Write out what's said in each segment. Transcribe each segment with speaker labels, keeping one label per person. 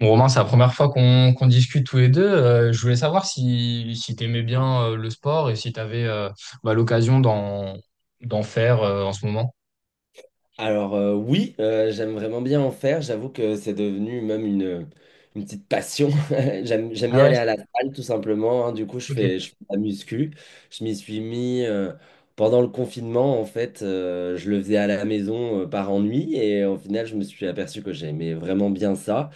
Speaker 1: Bon, Romain, c'est la première fois qu'on discute tous les deux. Je voulais savoir si tu aimais bien le sport et si tu avais l'occasion d'en faire en ce moment.
Speaker 2: Alors oui, j'aime vraiment bien en faire. J'avoue que c'est devenu même une petite passion. J'aime
Speaker 1: Ah
Speaker 2: bien
Speaker 1: ouais,
Speaker 2: aller à la salle tout simplement, hein. Du coup, je
Speaker 1: ok.
Speaker 2: fais, je fais de la muscu. Je m'y suis mis pendant le confinement. En fait, je le faisais à la maison, par ennui. Et au final, je me suis aperçu que j'aimais vraiment bien ça.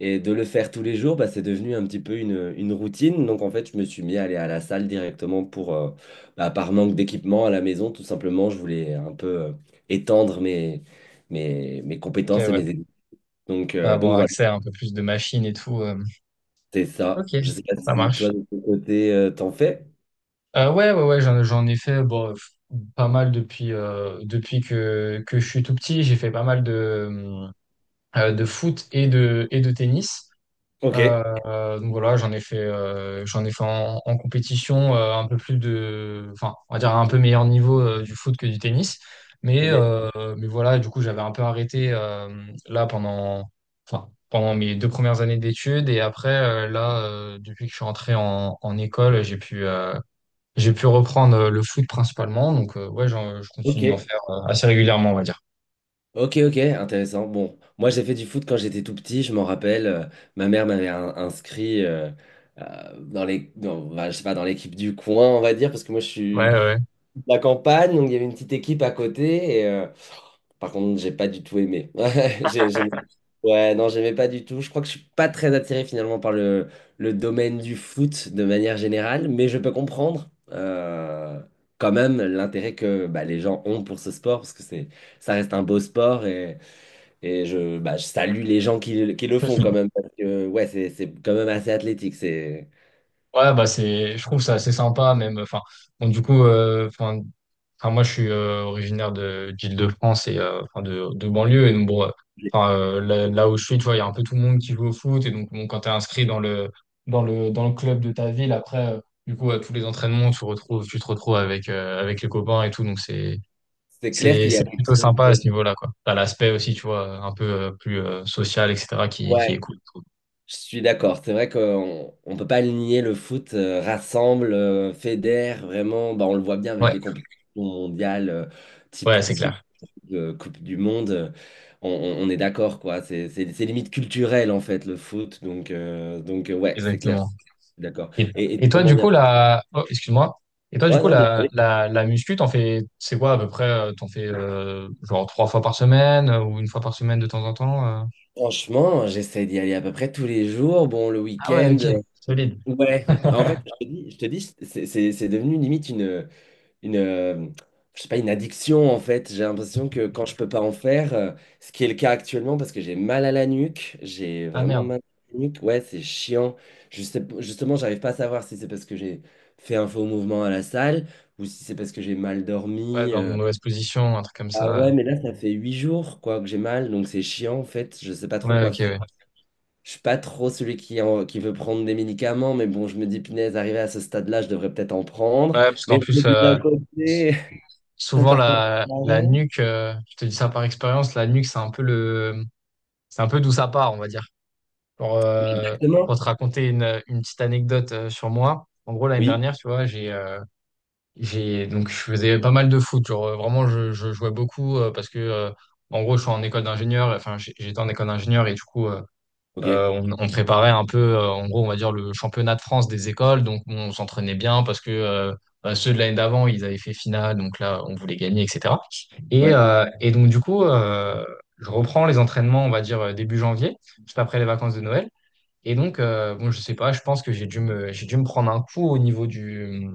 Speaker 2: Et de le faire tous les jours, bah, c'est devenu un petit peu une routine. Donc en fait, je me suis mis à aller à la salle directement pour, bah, par manque d'équipement à la maison. Tout simplement, je voulais un peu étendre mes
Speaker 1: Ok,
Speaker 2: compétences et
Speaker 1: ouais.
Speaker 2: mes aides. Donc
Speaker 1: Avoir
Speaker 2: voilà,
Speaker 1: accès à un peu plus de machines et tout.
Speaker 2: c'est ça.
Speaker 1: Ok,
Speaker 2: Je sais pas
Speaker 1: ça
Speaker 2: si toi,
Speaker 1: marche.
Speaker 2: de ton côté, t'en fais.
Speaker 1: Ouais, ouais, ouais, j'en ai fait bon, pas mal depuis, depuis que je suis tout petit. J'ai fait pas mal de foot et et de tennis.
Speaker 2: Ok,
Speaker 1: Donc voilà, j'en ai fait en compétition un peu plus enfin, on va dire à un peu meilleur niveau du foot que du tennis. Mais,
Speaker 2: ok,
Speaker 1: euh, mais voilà, du coup, j'avais un peu arrêté là pendant mes deux premières années d'études. Et après, là, depuis que je suis rentré en école, j'ai pu reprendre le foot principalement. Donc, ouais, je continue d'en
Speaker 2: ok,
Speaker 1: faire assez régulièrement, on va dire.
Speaker 2: ok, ok, intéressant. Bon, moi, j'ai fait du foot quand j'étais tout petit, je m'en rappelle. Ma mère m'avait inscrit, bah, je sais pas, dans l'équipe du coin, on va dire, parce que moi, je suis
Speaker 1: Ouais, ouais.
Speaker 2: de la campagne, donc il y avait une petite équipe à côté. Par contre, j'ai pas du tout aimé. Ouais, ouais, non, j'aimais pas du tout. Je crois que je suis pas très attiré finalement par le domaine du foot de manière générale, mais je peux comprendre quand même l'intérêt que bah, les gens ont pour ce sport, parce que ça reste un beau sport et je, bah, je salue les gens qui le font quand même, parce que ouais, c'est quand même assez athlétique. C'est,
Speaker 1: Ouais, bah je trouve ça assez sympa même. Enfin, bon, du coup, enfin, moi je suis originaire de d'Île-de-France et enfin de banlieue et donc bon, enfin là où je suis, tu vois, il y a un peu tout le monde qui joue au foot et donc bon, quand t'es inscrit dans le club de ta ville, après du coup à tous les entraînements, tu te retrouves avec les copains et tout, donc c'est
Speaker 2: c'est clair
Speaker 1: c'est
Speaker 2: qu'il y a
Speaker 1: c'est
Speaker 2: quelque
Speaker 1: plutôt
Speaker 2: chose.
Speaker 1: sympa à
Speaker 2: de-
Speaker 1: ce niveau-là quoi. T'as l'aspect aussi, tu vois, un peu plus social, etc. qui est
Speaker 2: ouais,
Speaker 1: cool.
Speaker 2: je suis d'accord. C'est vrai qu'on ne peut pas le nier, le foot rassemble, fédère, vraiment. Bah, on le voit bien avec
Speaker 1: Ouais,
Speaker 2: des compétitions mondiales,
Speaker 1: ouais,
Speaker 2: type
Speaker 1: c'est clair,
Speaker 2: Coupe du Monde. On est d'accord, quoi. C'est limite culturel, en fait, le foot. Donc, ouais, c'est clair. Je
Speaker 1: exactement.
Speaker 2: suis d'accord.
Speaker 1: Et,
Speaker 2: Et te
Speaker 1: et toi, du
Speaker 2: demander.
Speaker 1: coup, oh, excuse-moi. Et toi, du
Speaker 2: Ouais,
Speaker 1: coup,
Speaker 2: non,
Speaker 1: la,
Speaker 2: désolé.
Speaker 1: la, la muscu, t'en fais, c'est quoi à peu près? T'en fais genre trois fois par semaine ou une fois par semaine de temps en temps?
Speaker 2: Franchement, j'essaie d'y aller à peu près tous les jours. Bon, le
Speaker 1: Ah ouais,
Speaker 2: week-end.
Speaker 1: ok, solide.
Speaker 2: Ouais. En fait, je te dis, c'est devenu limite une, euh, je sais pas, une addiction en fait. J'ai l'impression que quand je peux pas en faire, ce qui est le cas actuellement parce que j'ai mal à la nuque, j'ai
Speaker 1: Ah
Speaker 2: vraiment
Speaker 1: merde.
Speaker 2: mal à la nuque. Ouais, c'est chiant. Justement, j'arrive pas à savoir si c'est parce que j'ai fait un faux mouvement à la salle ou si c'est parce que j'ai mal
Speaker 1: Ouais,
Speaker 2: dormi.
Speaker 1: dans une mauvaise position, un truc comme
Speaker 2: Ah
Speaker 1: ça.
Speaker 2: ouais, mais là, ça fait 8 jours quoi que j'ai mal, donc c'est chiant en fait. Je sais pas trop
Speaker 1: Ouais,
Speaker 2: quoi
Speaker 1: ok,
Speaker 2: faire.
Speaker 1: ouais. Ouais,
Speaker 2: Je suis pas trop celui qui veut prendre des médicaments, mais bon, je me dis, punaise, arrivé à ce stade-là, je devrais peut-être en prendre.
Speaker 1: parce qu'en
Speaker 2: Mais je me
Speaker 1: plus,
Speaker 2: dis d'un
Speaker 1: s-
Speaker 2: côté, un
Speaker 1: souvent
Speaker 2: tartare à
Speaker 1: la
Speaker 2: rien.
Speaker 1: nuque, je te dis ça par expérience, la nuque, c'est un peu d'où ça part, on va dire. Pour,
Speaker 2: Oui,
Speaker 1: euh, pour
Speaker 2: exactement.
Speaker 1: te raconter une petite anecdote sur moi. En gros, l'année
Speaker 2: Oui,
Speaker 1: dernière, tu vois, j'ai donc je faisais pas mal de foot, genre vraiment je jouais beaucoup parce que en gros je suis en école d'ingénieur, enfin j'étais en école d'ingénieur et du coup
Speaker 2: ok.
Speaker 1: on préparait un peu en gros on va dire le championnat de France des écoles, donc on s'entraînait bien parce que bah, ceux de l'année d'avant ils avaient fait finale, donc là on voulait gagner etc. Et,
Speaker 2: Ouais,
Speaker 1: euh, et donc du coup je reprends les entraînements on va dire début janvier, juste après les vacances de Noël. Et donc, bon, je sais pas, je pense que j'ai dû me prendre un coup au niveau du,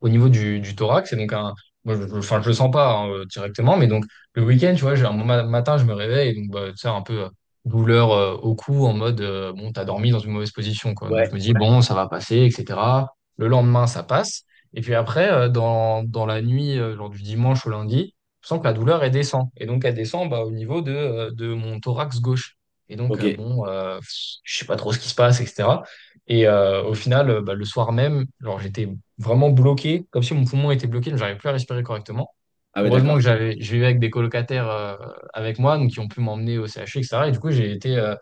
Speaker 1: au niveau du, du thorax. Et donc, moi, enfin, je le sens pas hein, directement, mais donc le week-end, tu vois, j'ai un matin, je me réveille, et donc bah, tu sais, un peu douleur au cou, en mode bon, t'as dormi dans une mauvaise position, quoi. Donc je
Speaker 2: ouais,
Speaker 1: me dis bon, ça va passer, etc. Le lendemain, ça passe. Et puis après, dans la nuit, genre du dimanche au lundi, je sens que la douleur, elle descend. Et donc, elle descend bah, au niveau de mon thorax gauche. Et donc,
Speaker 2: ok.
Speaker 1: bon, je sais pas trop ce qui se passe, etc. Et au final, bah, le soir même, genre j'étais vraiment bloqué, comme si mon poumon était bloqué, donc j'arrivais plus à respirer correctement.
Speaker 2: Ah ouais,
Speaker 1: Heureusement que
Speaker 2: d'accord.
Speaker 1: je vivais avec des colocataires avec moi, donc qui ont pu m'emmener au CHU, etc. Et cetera. Et du coup, j'ai été euh,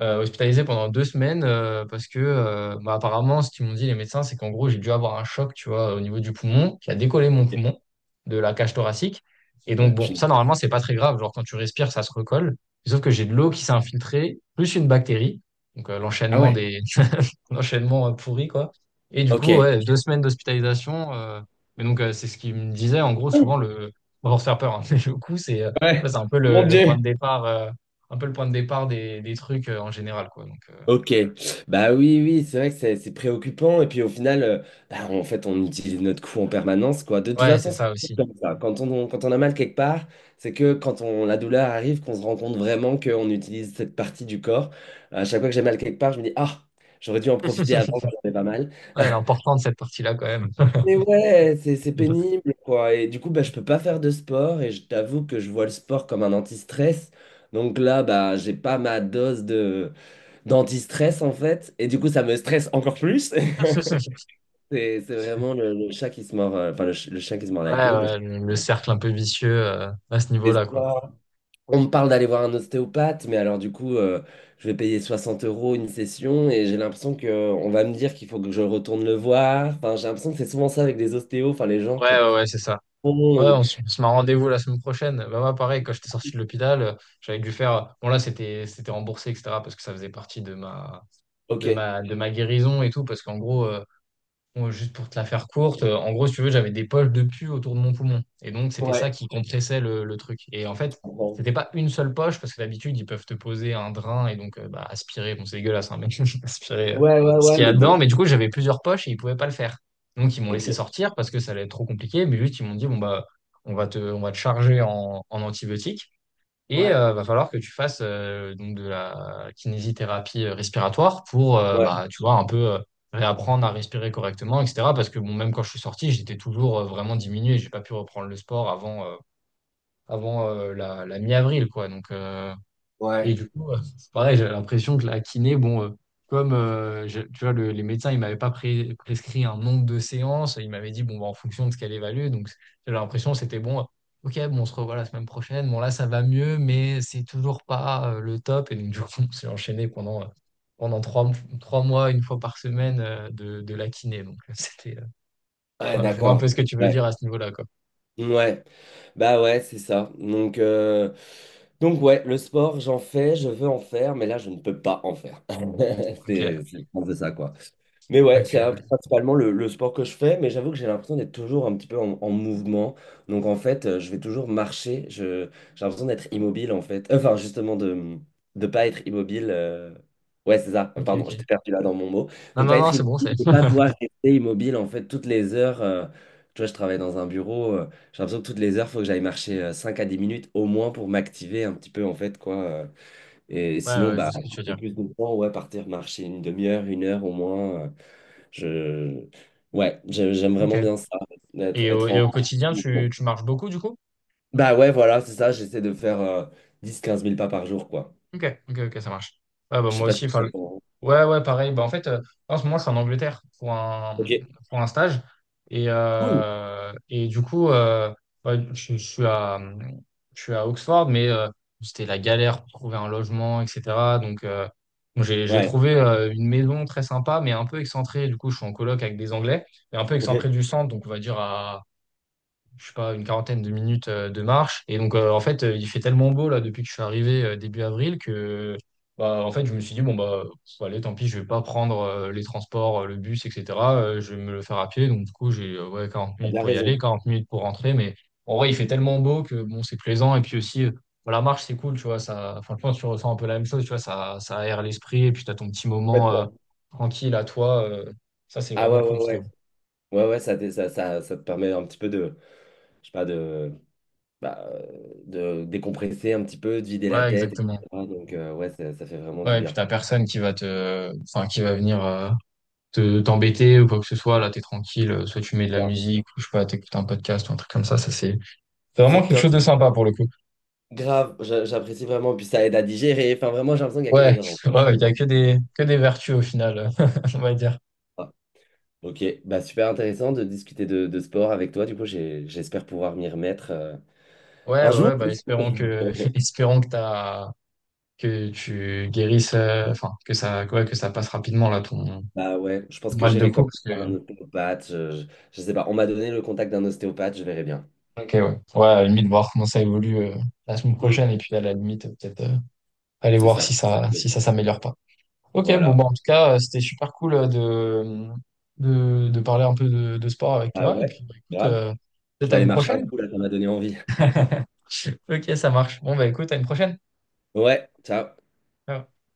Speaker 1: euh, hospitalisé pendant deux semaines parce que, bah, apparemment, ce qu'ils m'ont dit les médecins, c'est qu'en gros, j'ai dû avoir un choc, tu vois, au niveau du poumon, qui a décollé mon
Speaker 2: Ok.
Speaker 1: poumon de la cage thoracique. Et
Speaker 2: Ah
Speaker 1: donc,
Speaker 2: ouais,
Speaker 1: bon,
Speaker 2: punaise.
Speaker 1: ça, normalement, c'est pas très grave. Genre, quand tu respires, ça se recolle. Sauf que j'ai de l'eau qui s'est infiltrée, plus une bactérie. Donc,
Speaker 2: Ah
Speaker 1: l'enchaînement
Speaker 2: ouais,
Speaker 1: enchaînement pourri, quoi. Et du
Speaker 2: ok.
Speaker 1: coup, ouais, deux semaines d'hospitalisation. Mais donc, c'est ce qu'il me disait. En gros, souvent, on va se faire peur, hein, mais le coup, c'est tu
Speaker 2: Ouais,
Speaker 1: vois, c'est un peu le,
Speaker 2: mon
Speaker 1: le point
Speaker 2: Dieu.
Speaker 1: de départ, des trucs en général, quoi. Donc,
Speaker 2: Ok. Bah oui, oui, c'est vrai que c'est préoccupant. Et puis au final, bah, en fait, on utilise notre cou en permanence, quoi. De toute
Speaker 1: ouais, c'est
Speaker 2: façon, c'est
Speaker 1: ça aussi.
Speaker 2: comme ça. Quand on a mal quelque part, c'est que quand on, la douleur arrive, qu'on se rend compte vraiment qu'on utilise cette partie du corps. À chaque fois que j'ai mal quelque part, je me dis, ah, j'aurais dû en profiter avant quand j'avais pas mal.
Speaker 1: Ouais, l'important de cette partie-là, quand même.
Speaker 2: Mais ouais, c'est pénible, quoi. Et du coup, bah, je peux pas faire de sport et je t'avoue que je vois le sport comme un anti-stress. Donc là, bah, j'ai pas ma dose de d'anti-stress en fait. Et du coup, ça me stresse encore plus. C'est vraiment le chat qui se mord, enfin le chien qui se mord
Speaker 1: Ouais,
Speaker 2: la queue. Le chat.
Speaker 1: ouais, le cercle un peu vicieux à ce
Speaker 2: Et
Speaker 1: niveau-là, quoi.
Speaker 2: ça, on me parle d'aller voir un ostéopathe, mais alors du coup, je vais payer 60 euros une session et j'ai l'impression que on va me dire qu'il faut que je retourne le voir. Enfin, j'ai l'impression que c'est souvent ça avec des ostéos. Enfin, les gens,
Speaker 1: Ouais,
Speaker 2: quand
Speaker 1: ouais, ouais, c'est ça. Ouais,
Speaker 2: font, ils-
Speaker 1: on se met un rendez-vous la semaine prochaine. Bah, moi, pareil, quand j'étais sorti de l'hôpital, j'avais dû faire. Bon, là, c'était remboursé, etc., parce que ça faisait partie de ma,
Speaker 2: ok,
Speaker 1: de ma, de ma guérison et tout. Parce qu'en gros, moi, juste pour te la faire courte, en gros, si tu veux, j'avais des poches de pus autour de mon poumon. Et donc, c'était ça
Speaker 2: ouais,
Speaker 1: qui compressait le truc. Et en fait,
Speaker 2: bon.
Speaker 1: c'était pas une seule poche, parce que d'habitude, ils peuvent te poser un drain et donc bah, aspirer. Bon, c'est dégueulasse, hein, mais aspirer
Speaker 2: Ouais, ouais,
Speaker 1: ce
Speaker 2: ouais,
Speaker 1: qu'il y a
Speaker 2: mais
Speaker 1: dedans.
Speaker 2: bon.
Speaker 1: Mais du coup, j'avais plusieurs poches et ils pouvaient pas le faire. Donc, ils m'ont
Speaker 2: Ok.
Speaker 1: laissé sortir parce que ça allait être trop compliqué. Mais juste, ils m'ont dit, bon, bah, on va te charger en antibiotiques. Et
Speaker 2: Ouais,
Speaker 1: va falloir que tu fasses donc de la kinésithérapie respiratoire pour
Speaker 2: ouais,
Speaker 1: bah, tu vois, un peu réapprendre à respirer correctement, etc. Parce que bon, même quand je suis sorti, j'étais toujours vraiment diminué. J'ai pas pu reprendre le sport avant la mi-avril, quoi. Donc, et
Speaker 2: ouais.
Speaker 1: du coup, c'est pareil, j'ai l'impression que la kiné, bon, comme tu vois, les médecins, ils m'avaient pas prescrit un nombre de séances, ils m'avaient dit, bon, bah, en fonction de ce qu'elle évalue. Donc, j'ai l'impression que c'était bon, ok, bon, on se revoit la semaine prochaine. Bon, là, ça va mieux, mais c'est toujours pas le top. Et donc, du coup, on s'est enchaîné pendant trois mois, une fois par semaine, de la kiné. Donc, c'était,
Speaker 2: Ouais,
Speaker 1: ouais, je vois un
Speaker 2: d'accord.
Speaker 1: peu ce que tu veux
Speaker 2: Ouais.
Speaker 1: dire à ce niveau-là, quoi.
Speaker 2: Ouais, bah ouais, c'est ça. Donc ouais, le sport, j'en fais, je veux en faire, mais là, je ne peux pas en faire. C'est
Speaker 1: Ok,
Speaker 2: c'est un peu ça, quoi. Mais ouais,
Speaker 1: ok,
Speaker 2: principalement le sport que je fais, mais j'avoue que j'ai l'impression d'être toujours un petit peu en mouvement. Donc en fait, je vais toujours marcher. J'ai l'impression d'être immobile, en fait. Enfin, justement, de ne pas être immobile. Ouais, c'est ça.
Speaker 1: ok,
Speaker 2: Pardon, je t'ai
Speaker 1: ok.
Speaker 2: perdu là dans mon mot.
Speaker 1: Non,
Speaker 2: De
Speaker 1: non,
Speaker 2: pas
Speaker 1: non,
Speaker 2: être
Speaker 1: c'est bon, c'est.
Speaker 2: immobile, de pas pouvoir rester immobile, en fait, toutes les heures. Tu vois, je travaille dans un bureau. J'ai l'impression que toutes les heures, faut que j'aille marcher 5 à dix minutes au moins pour m'activer un petit peu en fait quoi. Et
Speaker 1: Ouais,
Speaker 2: sinon,
Speaker 1: ouais, je vois
Speaker 2: bah
Speaker 1: ce que tu veux
Speaker 2: j'ai
Speaker 1: dire.
Speaker 2: plus de temps, ouais, partir marcher une demi-heure, une heure au moins. Je ouais, j'aime vraiment
Speaker 1: Ok.
Speaker 2: bien ça,
Speaker 1: Et au,
Speaker 2: être
Speaker 1: et
Speaker 2: en
Speaker 1: au quotidien,
Speaker 2: mouvement.
Speaker 1: tu marches beaucoup du coup?
Speaker 2: Bah ouais, voilà, c'est ça, j'essaie de faire 10-15 000 pas par jour, quoi.
Speaker 1: Ok, ok, ok, ça marche. Ouais, bah,
Speaker 2: Je sais
Speaker 1: moi
Speaker 2: pas si
Speaker 1: aussi, enfin,
Speaker 2: c'est pour...
Speaker 1: ouais, ouais, pareil. Bah, en fait, en ce moment, je suis en Angleterre pour un,
Speaker 2: Ok,
Speaker 1: stage. Et,
Speaker 2: cool.
Speaker 1: euh, et du coup, ouais, je suis à Oxford, mais c'était la galère pour trouver un logement, etc. Donc, euh, donc j'ai
Speaker 2: Ouais,
Speaker 1: trouvé une maison très sympa, mais un peu excentrée. Du coup, je suis en coloc avec des Anglais, et un peu
Speaker 2: ok,
Speaker 1: excentrée du centre, donc on va dire je sais pas, une quarantaine de minutes de marche. Et donc, en fait, il fait tellement beau là depuis que je suis arrivé début avril que, bah, en fait, je me suis dit, bon, bah, allez, tant pis, je vais pas prendre les transports, le bus, etc. Je vais me le faire à pied. Donc, du coup, j'ai ouais, 40
Speaker 2: t'as
Speaker 1: minutes
Speaker 2: bien
Speaker 1: pour y aller,
Speaker 2: raison.
Speaker 1: 40 minutes pour rentrer. Mais en vrai, il fait tellement beau que, bon, c'est plaisant. Et puis aussi, bon, la marche, c'est cool, tu vois. Ça, enfin, je pense que tu ressens un peu la même chose, tu vois. Ça aère l'esprit. Et puis, tu as ton petit moment
Speaker 2: Complètement.
Speaker 1: tranquille à toi. Ça, c'est
Speaker 2: Ah
Speaker 1: vraiment
Speaker 2: ouais, ouais,
Speaker 1: cool, je trouve.
Speaker 2: ouais. Ouais, ouais, ça te permet un petit peu je sais pas, de décompresser un petit peu, de vider la
Speaker 1: Ouais,
Speaker 2: tête,
Speaker 1: exactement.
Speaker 2: etc. Donc, ouais, ça fait vraiment du
Speaker 1: Ouais, et puis
Speaker 2: bien.
Speaker 1: t'as personne qui va venir te t'embêter ou quoi que ce soit. Là, t'es tranquille. Soit tu mets de la
Speaker 2: Ah,
Speaker 1: musique, ou je sais pas, t'écoutes un podcast ou un truc comme ça. Ça, c'est vraiment
Speaker 2: c'est
Speaker 1: quelque
Speaker 2: top,
Speaker 1: chose de sympa pour le coup.
Speaker 2: grave, j'apprécie vraiment. Puis ça aide à digérer. Enfin, vraiment, j'ai l'impression qu'il n'y a que
Speaker 1: Ouais,
Speaker 2: des avantages.
Speaker 1: ouais, il y
Speaker 2: On
Speaker 1: a que des vertus au final, on va dire.
Speaker 2: Ok, bah, super intéressant de discuter de sport avec toi. Du coup, j'espère pouvoir m'y remettre
Speaker 1: Ouais,
Speaker 2: un
Speaker 1: ouais,
Speaker 2: jour.
Speaker 1: ouais, bah espérons que espérons que t'as que tu guérisses, enfin que ça, ouais, que ça passe rapidement là ton
Speaker 2: Bah ouais, je pense que
Speaker 1: mal de
Speaker 2: j'irai
Speaker 1: cou
Speaker 2: comme
Speaker 1: parce que.
Speaker 2: un ostéopathe. Je sais pas, on m'a donné le contact d'un ostéopathe, je verrai bien.
Speaker 1: Ok, ouais. Ouais, à la limite voir comment ça évolue la semaine
Speaker 2: Mm.
Speaker 1: prochaine et puis à la limite peut-être aller
Speaker 2: C'est
Speaker 1: voir
Speaker 2: ça.
Speaker 1: si ça s'améliore pas. Ok, bon,
Speaker 2: Voilà.
Speaker 1: bah, en tout cas, c'était super cool de parler un peu de sport avec
Speaker 2: Ah
Speaker 1: toi. Et
Speaker 2: ouais,
Speaker 1: puis, bah, écoute,
Speaker 2: grave. Je
Speaker 1: peut-être
Speaker 2: vais
Speaker 1: à
Speaker 2: aller
Speaker 1: une
Speaker 2: marcher un
Speaker 1: prochaine.
Speaker 2: coup là, ça m'a donné envie.
Speaker 1: Ok, ça marche. Bon, bah, écoute, à une prochaine.
Speaker 2: Ouais, ciao.
Speaker 1: Ciao.